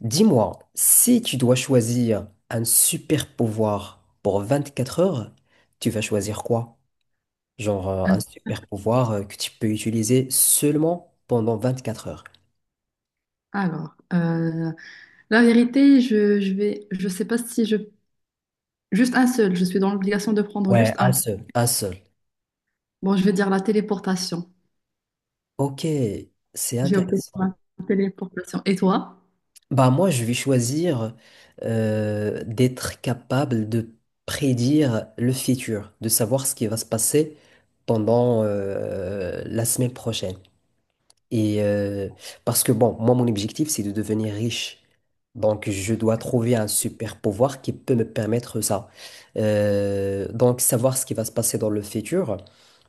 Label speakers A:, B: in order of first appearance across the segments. A: Dis-moi, si tu dois choisir un super pouvoir pour 24 heures, tu vas choisir quoi? Genre, un
B: Hein.
A: super pouvoir que tu peux utiliser seulement pendant 24 heures.
B: Alors, la vérité, je vais, je sais pas si je, juste un seul, je suis dans l'obligation de prendre
A: Ouais,
B: juste
A: un
B: un.
A: seul. Un seul.
B: Bon, je vais dire la téléportation.
A: Ok, c'est
B: J'ai opté pour
A: intéressant.
B: la téléportation. Et toi?
A: Bah moi, je vais choisir d'être capable de prédire le futur, de savoir ce qui va se passer pendant la semaine prochaine. Et euh, parce que bon, moi, mon objectif, c'est de devenir riche. Donc, je dois trouver un super pouvoir qui peut me permettre ça. Donc, savoir ce qui va se passer dans le futur,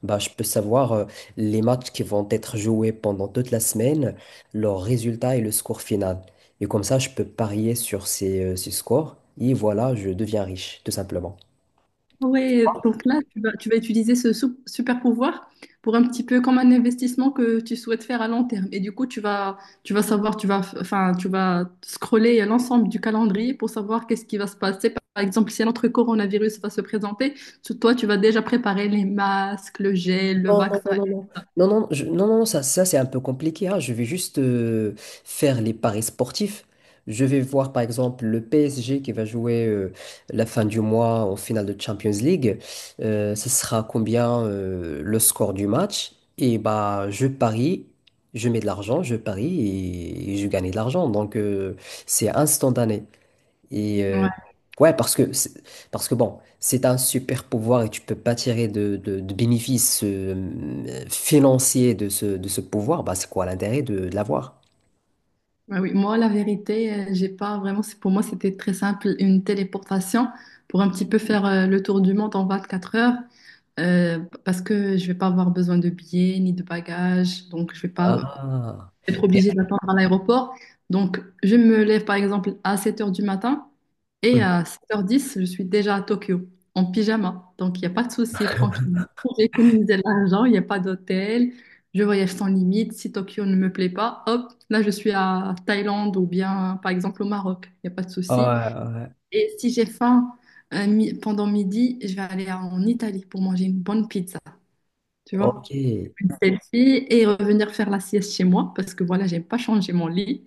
A: bah, je peux savoir les matchs qui vont être joués pendant toute la semaine, leurs résultats et le score final. Et comme ça, je peux parier sur ces scores. Et voilà, je deviens riche, tout simplement.
B: Ouais, donc là, tu vas utiliser ce super pouvoir pour un petit peu comme un investissement que tu souhaites faire à long terme. Et du coup, tu vas savoir, tu vas, enfin, tu vas scroller l'ensemble du calendrier pour savoir qu'est-ce qui va se passer. Par exemple, si notre coronavirus va se présenter, toi, tu vas déjà préparer les masques, le gel, le
A: Non,
B: vaccin.
A: non, non, non, non, non, non, non, non, non, ça c'est un peu compliqué, hein. Je vais juste faire les paris sportifs. Je vais voir par exemple le PSG qui va jouer la fin du mois en finale de Champions League. Ce sera combien le score du match? Et bah, je parie, je mets de l'argent, je parie et je gagne de l'argent. Donc, c'est instantané. Et euh,
B: Ouais,
A: ouais, parce que bon, c'est un super pouvoir et tu peux pas tirer de bénéfices financiers de ce pouvoir. Bah, c'est quoi l'intérêt de l'avoir?
B: ouais, oui. Moi, la vérité, j'ai pas vraiment. Pour moi, c'était très simple, une téléportation pour un petit peu faire le tour du monde en 24 heures. Euh, Parce que je vais pas avoir besoin de billets ni de bagages, donc je vais pas
A: Ah.
B: être
A: Mais.
B: obligée d'attendre à l'aéroport. Donc je me lève par exemple à 7 heures du matin et
A: Hmm.
B: à 7h10, je suis déjà à Tokyo en pyjama. Donc il n'y a pas de souci, tranquille. J'ai économisé l'argent, il n'y a pas d'hôtel, je voyage sans limite. Si Tokyo ne me plaît pas, hop, là je suis à Thaïlande ou bien par exemple au Maroc, il n'y a pas de
A: Ouais,
B: souci.
A: ouais, ouais.
B: Et si j'ai faim pendant midi, je vais aller en Italie pour manger une bonne pizza, tu
A: Ok.
B: vois, une selfie et revenir faire la sieste chez moi parce que voilà, j'ai pas changé mon lit.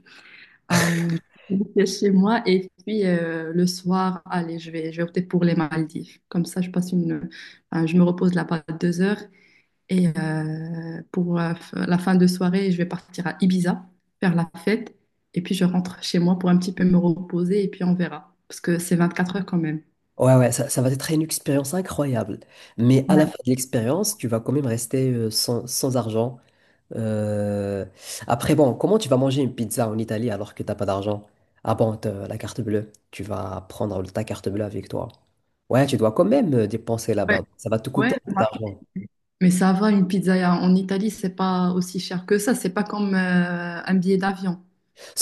B: Je fais la sieste chez moi et puis le soir, allez, je vais opter pour les Maldives. Comme ça, je passe une, enfin, je me repose là-bas 2 heures et pour la fin de soirée, je vais partir à Ibiza faire la fête et puis je rentre chez moi pour un petit peu me reposer et puis on verra parce que c'est 24 heures quand même.
A: Ouais, ouais, ça va être une expérience incroyable. Mais à
B: Ouais,
A: la fin de l'expérience, tu vas quand même rester sans argent. Euh, Après, bon, comment tu vas manger une pizza en Italie alors que t'as pas d'argent? Ah bon, t'as la carte bleue. Tu vas prendre ta carte bleue avec toi. Ouais, tu dois quand même dépenser
B: ouais,
A: là-bas. Ça va te
B: ouais.
A: coûter un peu d'argent.
B: Mais ça va, une pizza en Italie, c'est pas aussi cher que ça. C'est pas comme un billet d'avion.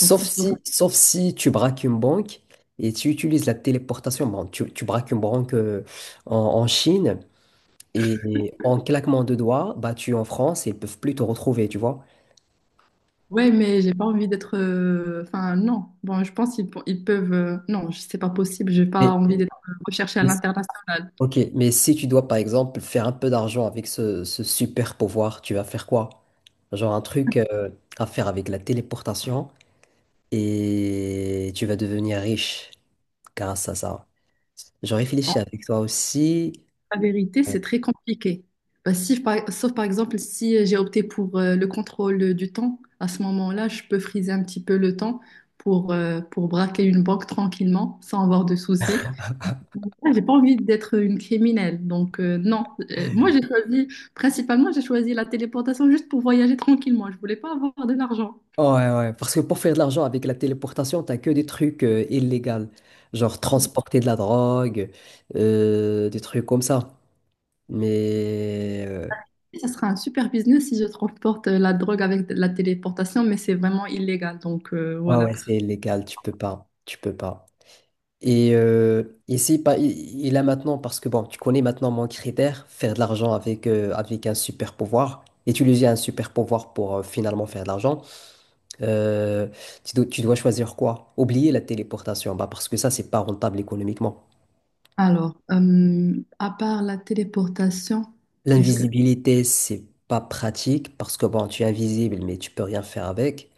B: Donc, si,
A: si, sauf si tu braques une banque et tu utilises la téléportation. Bon, tu braques une banque en Chine et en claquement de doigts, bah, tu es en France et ils peuvent plus te retrouver, tu vois.
B: ouais, mais j'ai pas envie d'être. Enfin, non. Bon, je pense qu'ils pe- ils peuvent. Non, c'est pas possible. J'ai pas envie d'être recherchée à
A: Mais.
B: l'international.
A: Ok, mais si tu dois par exemple faire un peu d'argent avec ce super pouvoir, tu vas faire quoi? Genre un truc à faire avec la téléportation et tu vas devenir riche grâce à ça. Je
B: En
A: réfléchis avec toi aussi.
B: la vérité, c'est très compliqué. Bah, si, sauf par exemple, si j'ai opté pour le contrôle du temps, à ce moment-là, je peux friser un petit peu le temps pour braquer une banque tranquillement, sans avoir de soucis. Ah, j'ai pas envie d'être une criminelle, donc non. Moi, j'ai choisi, principalement, j'ai choisi la téléportation juste pour voyager tranquillement. Je voulais pas avoir de l'argent.
A: Ouais, ouais, parce que pour faire de l'argent avec la téléportation, t'as que des trucs illégaux, genre transporter de la drogue, des trucs comme ça. Mais
B: Ça sera un super business si je transporte la drogue avec de la téléportation, mais c'est vraiment illégal, donc
A: ouais,
B: voilà.
A: ouais, c'est illégal, tu peux pas. Et si pas, il a maintenant, parce que bon, tu connais maintenant mon critère, faire de l'argent avec un super pouvoir, utiliser un super pouvoir pour finalement faire de l'argent, euh, tu dois choisir quoi? Oublier la téléportation, bah, parce que ça, c'est pas rentable économiquement.
B: Alors, à part la téléportation, est-ce que
A: L'invisibilité, c'est pas pratique, parce que bon, tu es invisible, mais tu peux rien faire avec.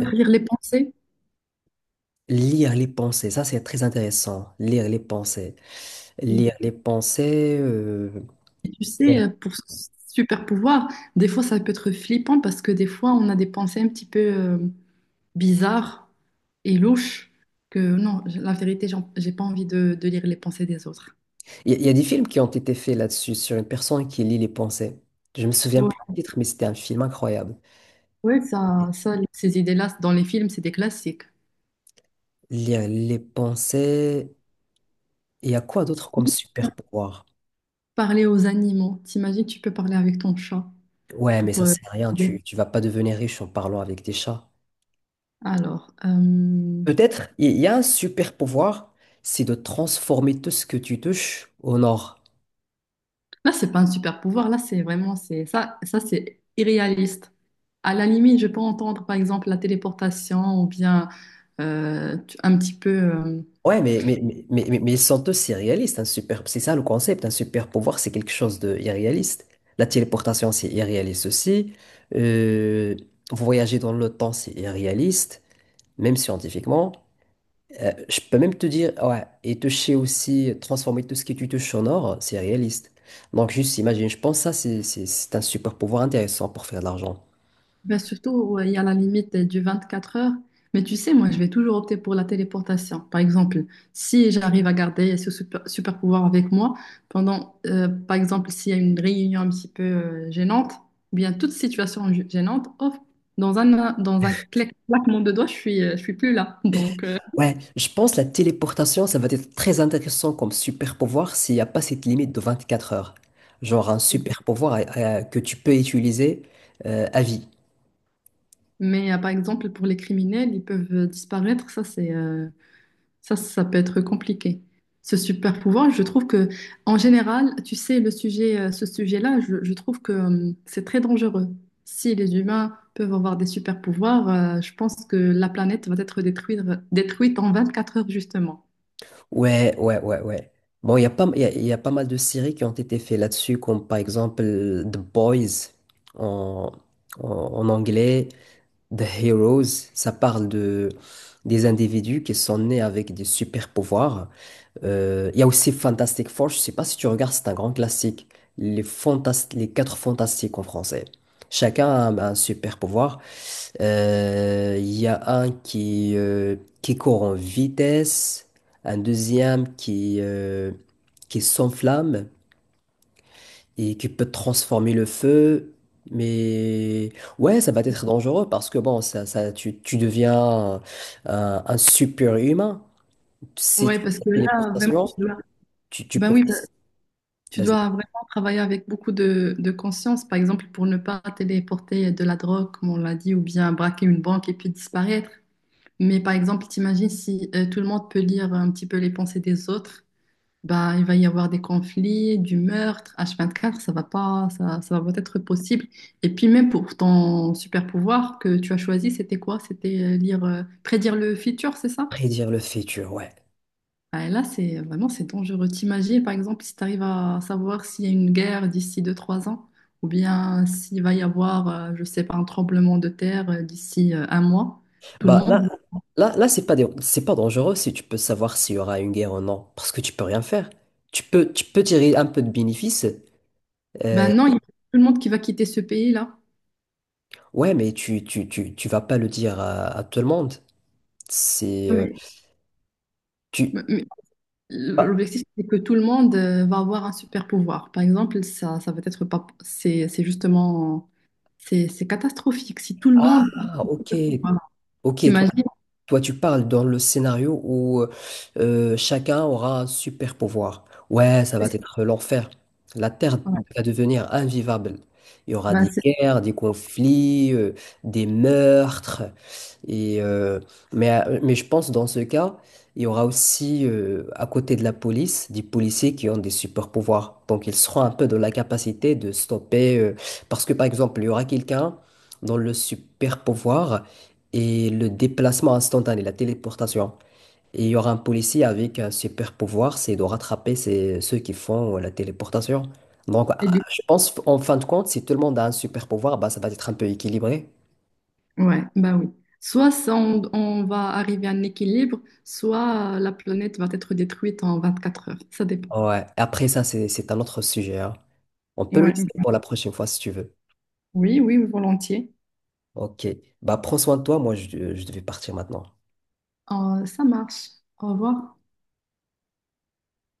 A: Euh,
B: lire les pensées?
A: Lire les pensées, ça c'est très intéressant. Lire les pensées.
B: Et
A: Lire les pensées, euh,
B: tu sais, pour ce super pouvoir, des fois, ça peut être flippant parce que des fois, on a des pensées un petit peu bizarre et louche que non, la vérité, j'ai pas envie de lire les pensées des autres.
A: Il y a des films qui ont été faits là-dessus, sur une personne qui lit les pensées. Je me souviens plus du
B: Ouais,
A: titre, mais c'était un film incroyable.
B: ouais, ça, ces idées-là, dans les films, c'est des classiques.
A: Lire les pensées. Il y a quoi d'autre comme super pouvoir?
B: Parler aux animaux. T'imagines, tu peux parler avec ton chat
A: Ouais, mais
B: pour.
A: ça,
B: euh,
A: c'est rien.
B: aider.
A: Tu vas pas devenir riche en parlant avec des chats.
B: Alors,
A: Peut-être, il y a un super pouvoir, c'est de transformer tout ce que tu touches en or.
B: là, c'est pas un super pouvoir. Là, c'est vraiment, c'est ça, c'est irréaliste. À la limite, je peux entendre, par exemple, la téléportation ou bien un petit peu.
A: Ouais, mais ils sont tous irréalistes. Un super, c'est ça le concept. Un super pouvoir, c'est quelque chose de irréaliste. La téléportation, c'est irréaliste aussi. Euh, voyager dans le temps, c'est irréaliste, même scientifiquement. Je peux même te dire, ouais, et toucher aussi, transformer tout ce qui tu touches en or, c'est réaliste. Donc, juste imagine, je pense que ça, c'est un super pouvoir intéressant pour faire de l'argent.
B: Ben, surtout, ouais, il y a la limite du 4 heures. Mais tu sais, moi, je vais toujours opter pour la téléportation. Par exemple, si j'arrive à garder ce super, super pouvoir avec moi, pendant, par exemple, s'il y a une réunion un petit peu gênante, ou bien toute situation gênante, hop, dans un claquement de doigts, je suis plus là. Donc,
A: Ouais, je pense la téléportation, ça va être très intéressant comme super pouvoir s'il n'y a pas cette limite de 24 heures. Genre un super pouvoir que tu peux utiliser à vie.
B: mais par exemple, pour les criminels, ils peuvent disparaître. Ça, ça peut être compliqué. Ce super pouvoir, je trouve que, en général, tu sais, le sujet, ce sujet-là, je trouve que c'est très dangereux. Si les humains peuvent avoir des super pouvoirs, je pense que la planète va être détruite, détruite en 4 heures, justement.
A: Ouais, ouais, ouais, ouais. Bon, il y a pas mal de séries qui ont été faites là-dessus, comme par exemple The Boys en, en anglais, The Heroes. Ça parle de, des individus qui sont nés avec des super pouvoirs. Il y a aussi Fantastic Four, je sais pas si tu regardes, c'est un grand classique. Les quatre fantastiques en français. Chacun a un super pouvoir. Il y a un qui court en vitesse, un deuxième qui s'enflamme et qui peut transformer le feu. Mais ouais, ça va être dangereux parce que bon, tu deviens un super humain. Si
B: Ouais,
A: tu fais
B: parce
A: les
B: que là, vraiment,
A: téléportation,
B: tu dois,
A: tu
B: ben
A: peux faire.
B: oui, tu
A: Vas-y,
B: dois vraiment travailler avec beaucoup de conscience, par exemple, pour ne pas téléporter de la drogue, comme on l'a dit, ou bien braquer une banque et puis disparaître. Mais par exemple, t'imagines si tout le monde peut lire un petit peu les pensées des autres, bah, il va y avoir des conflits, du meurtre, H24, ça va pas, ça va pas être possible. Et puis même pour ton super pouvoir que tu as choisi, c'était quoi? C'était prédire le futur, c'est ça?
A: prédire le futur, ouais.
B: Ah, et là, c'est vraiment, c'est dangereux. T'imagines, par exemple, si tu arrives à savoir s'il y a une guerre d'ici deux trois ans, ou bien s'il va y avoir, je sais pas, un tremblement de terre d'ici un mois, tout le
A: Bah là,
B: monde.
A: là, là, c'est pas dé- c'est pas dangereux si tu peux savoir s'il y aura une guerre ou non, parce que tu peux rien faire. Tu peux tirer un peu de bénéfice.
B: Ben
A: euh,
B: non, il y a tout le monde qui va quitter ce pays-là.
A: ouais, mais tu vas pas le dire à tout le monde. C'est,
B: Non,
A: tu.
B: Mais-
A: Ah,
B: l'objectif, c'est que tout le monde va avoir un super pouvoir. Par exemple, ça va être pas, c'est justement, c'est catastrophique. Si tout le monde,
A: ah, ok,
B: voilà,
A: ok.
B: t'imagines,
A: Toi, tu parles dans le scénario où chacun aura un super pouvoir. Ouais, ça va
B: c'est-
A: être l'enfer. La Terre
B: ouais,
A: va devenir invivable. Il y aura
B: ben
A: des
B: c'est,
A: guerres, des conflits, des meurtres. Et, euh, mais je pense dans ce cas, il y aura aussi à côté de la police des policiers qui ont des super pouvoirs. Donc ils seront un peu dans la capacité de stopper, parce que par exemple, il y aura quelqu'un dans le super pouvoir et le déplacement instantané, la téléportation. Et il y aura un policier avec un super pouvoir, c'est de rattraper ceux qui font la téléportation. Donc,
B: et
A: ah,
B: du
A: je pense en fin de compte, si tout le monde a un super pouvoir, bah, ça va être un peu équilibré.
B: coup, ouais, ben oui. Soit ça, on va arriver à un équilibre, soit la planète va être détruite en 24 heures. Ça dépend.
A: Ouais. Après ça, c'est un autre sujet, hein. On peut le
B: Ouais.
A: laisser pour la prochaine fois si tu veux.
B: Oui, oui, volontiers.
A: Ok. Bah, prends soin de toi. Moi, je devais partir maintenant.
B: Ça marche. Au revoir.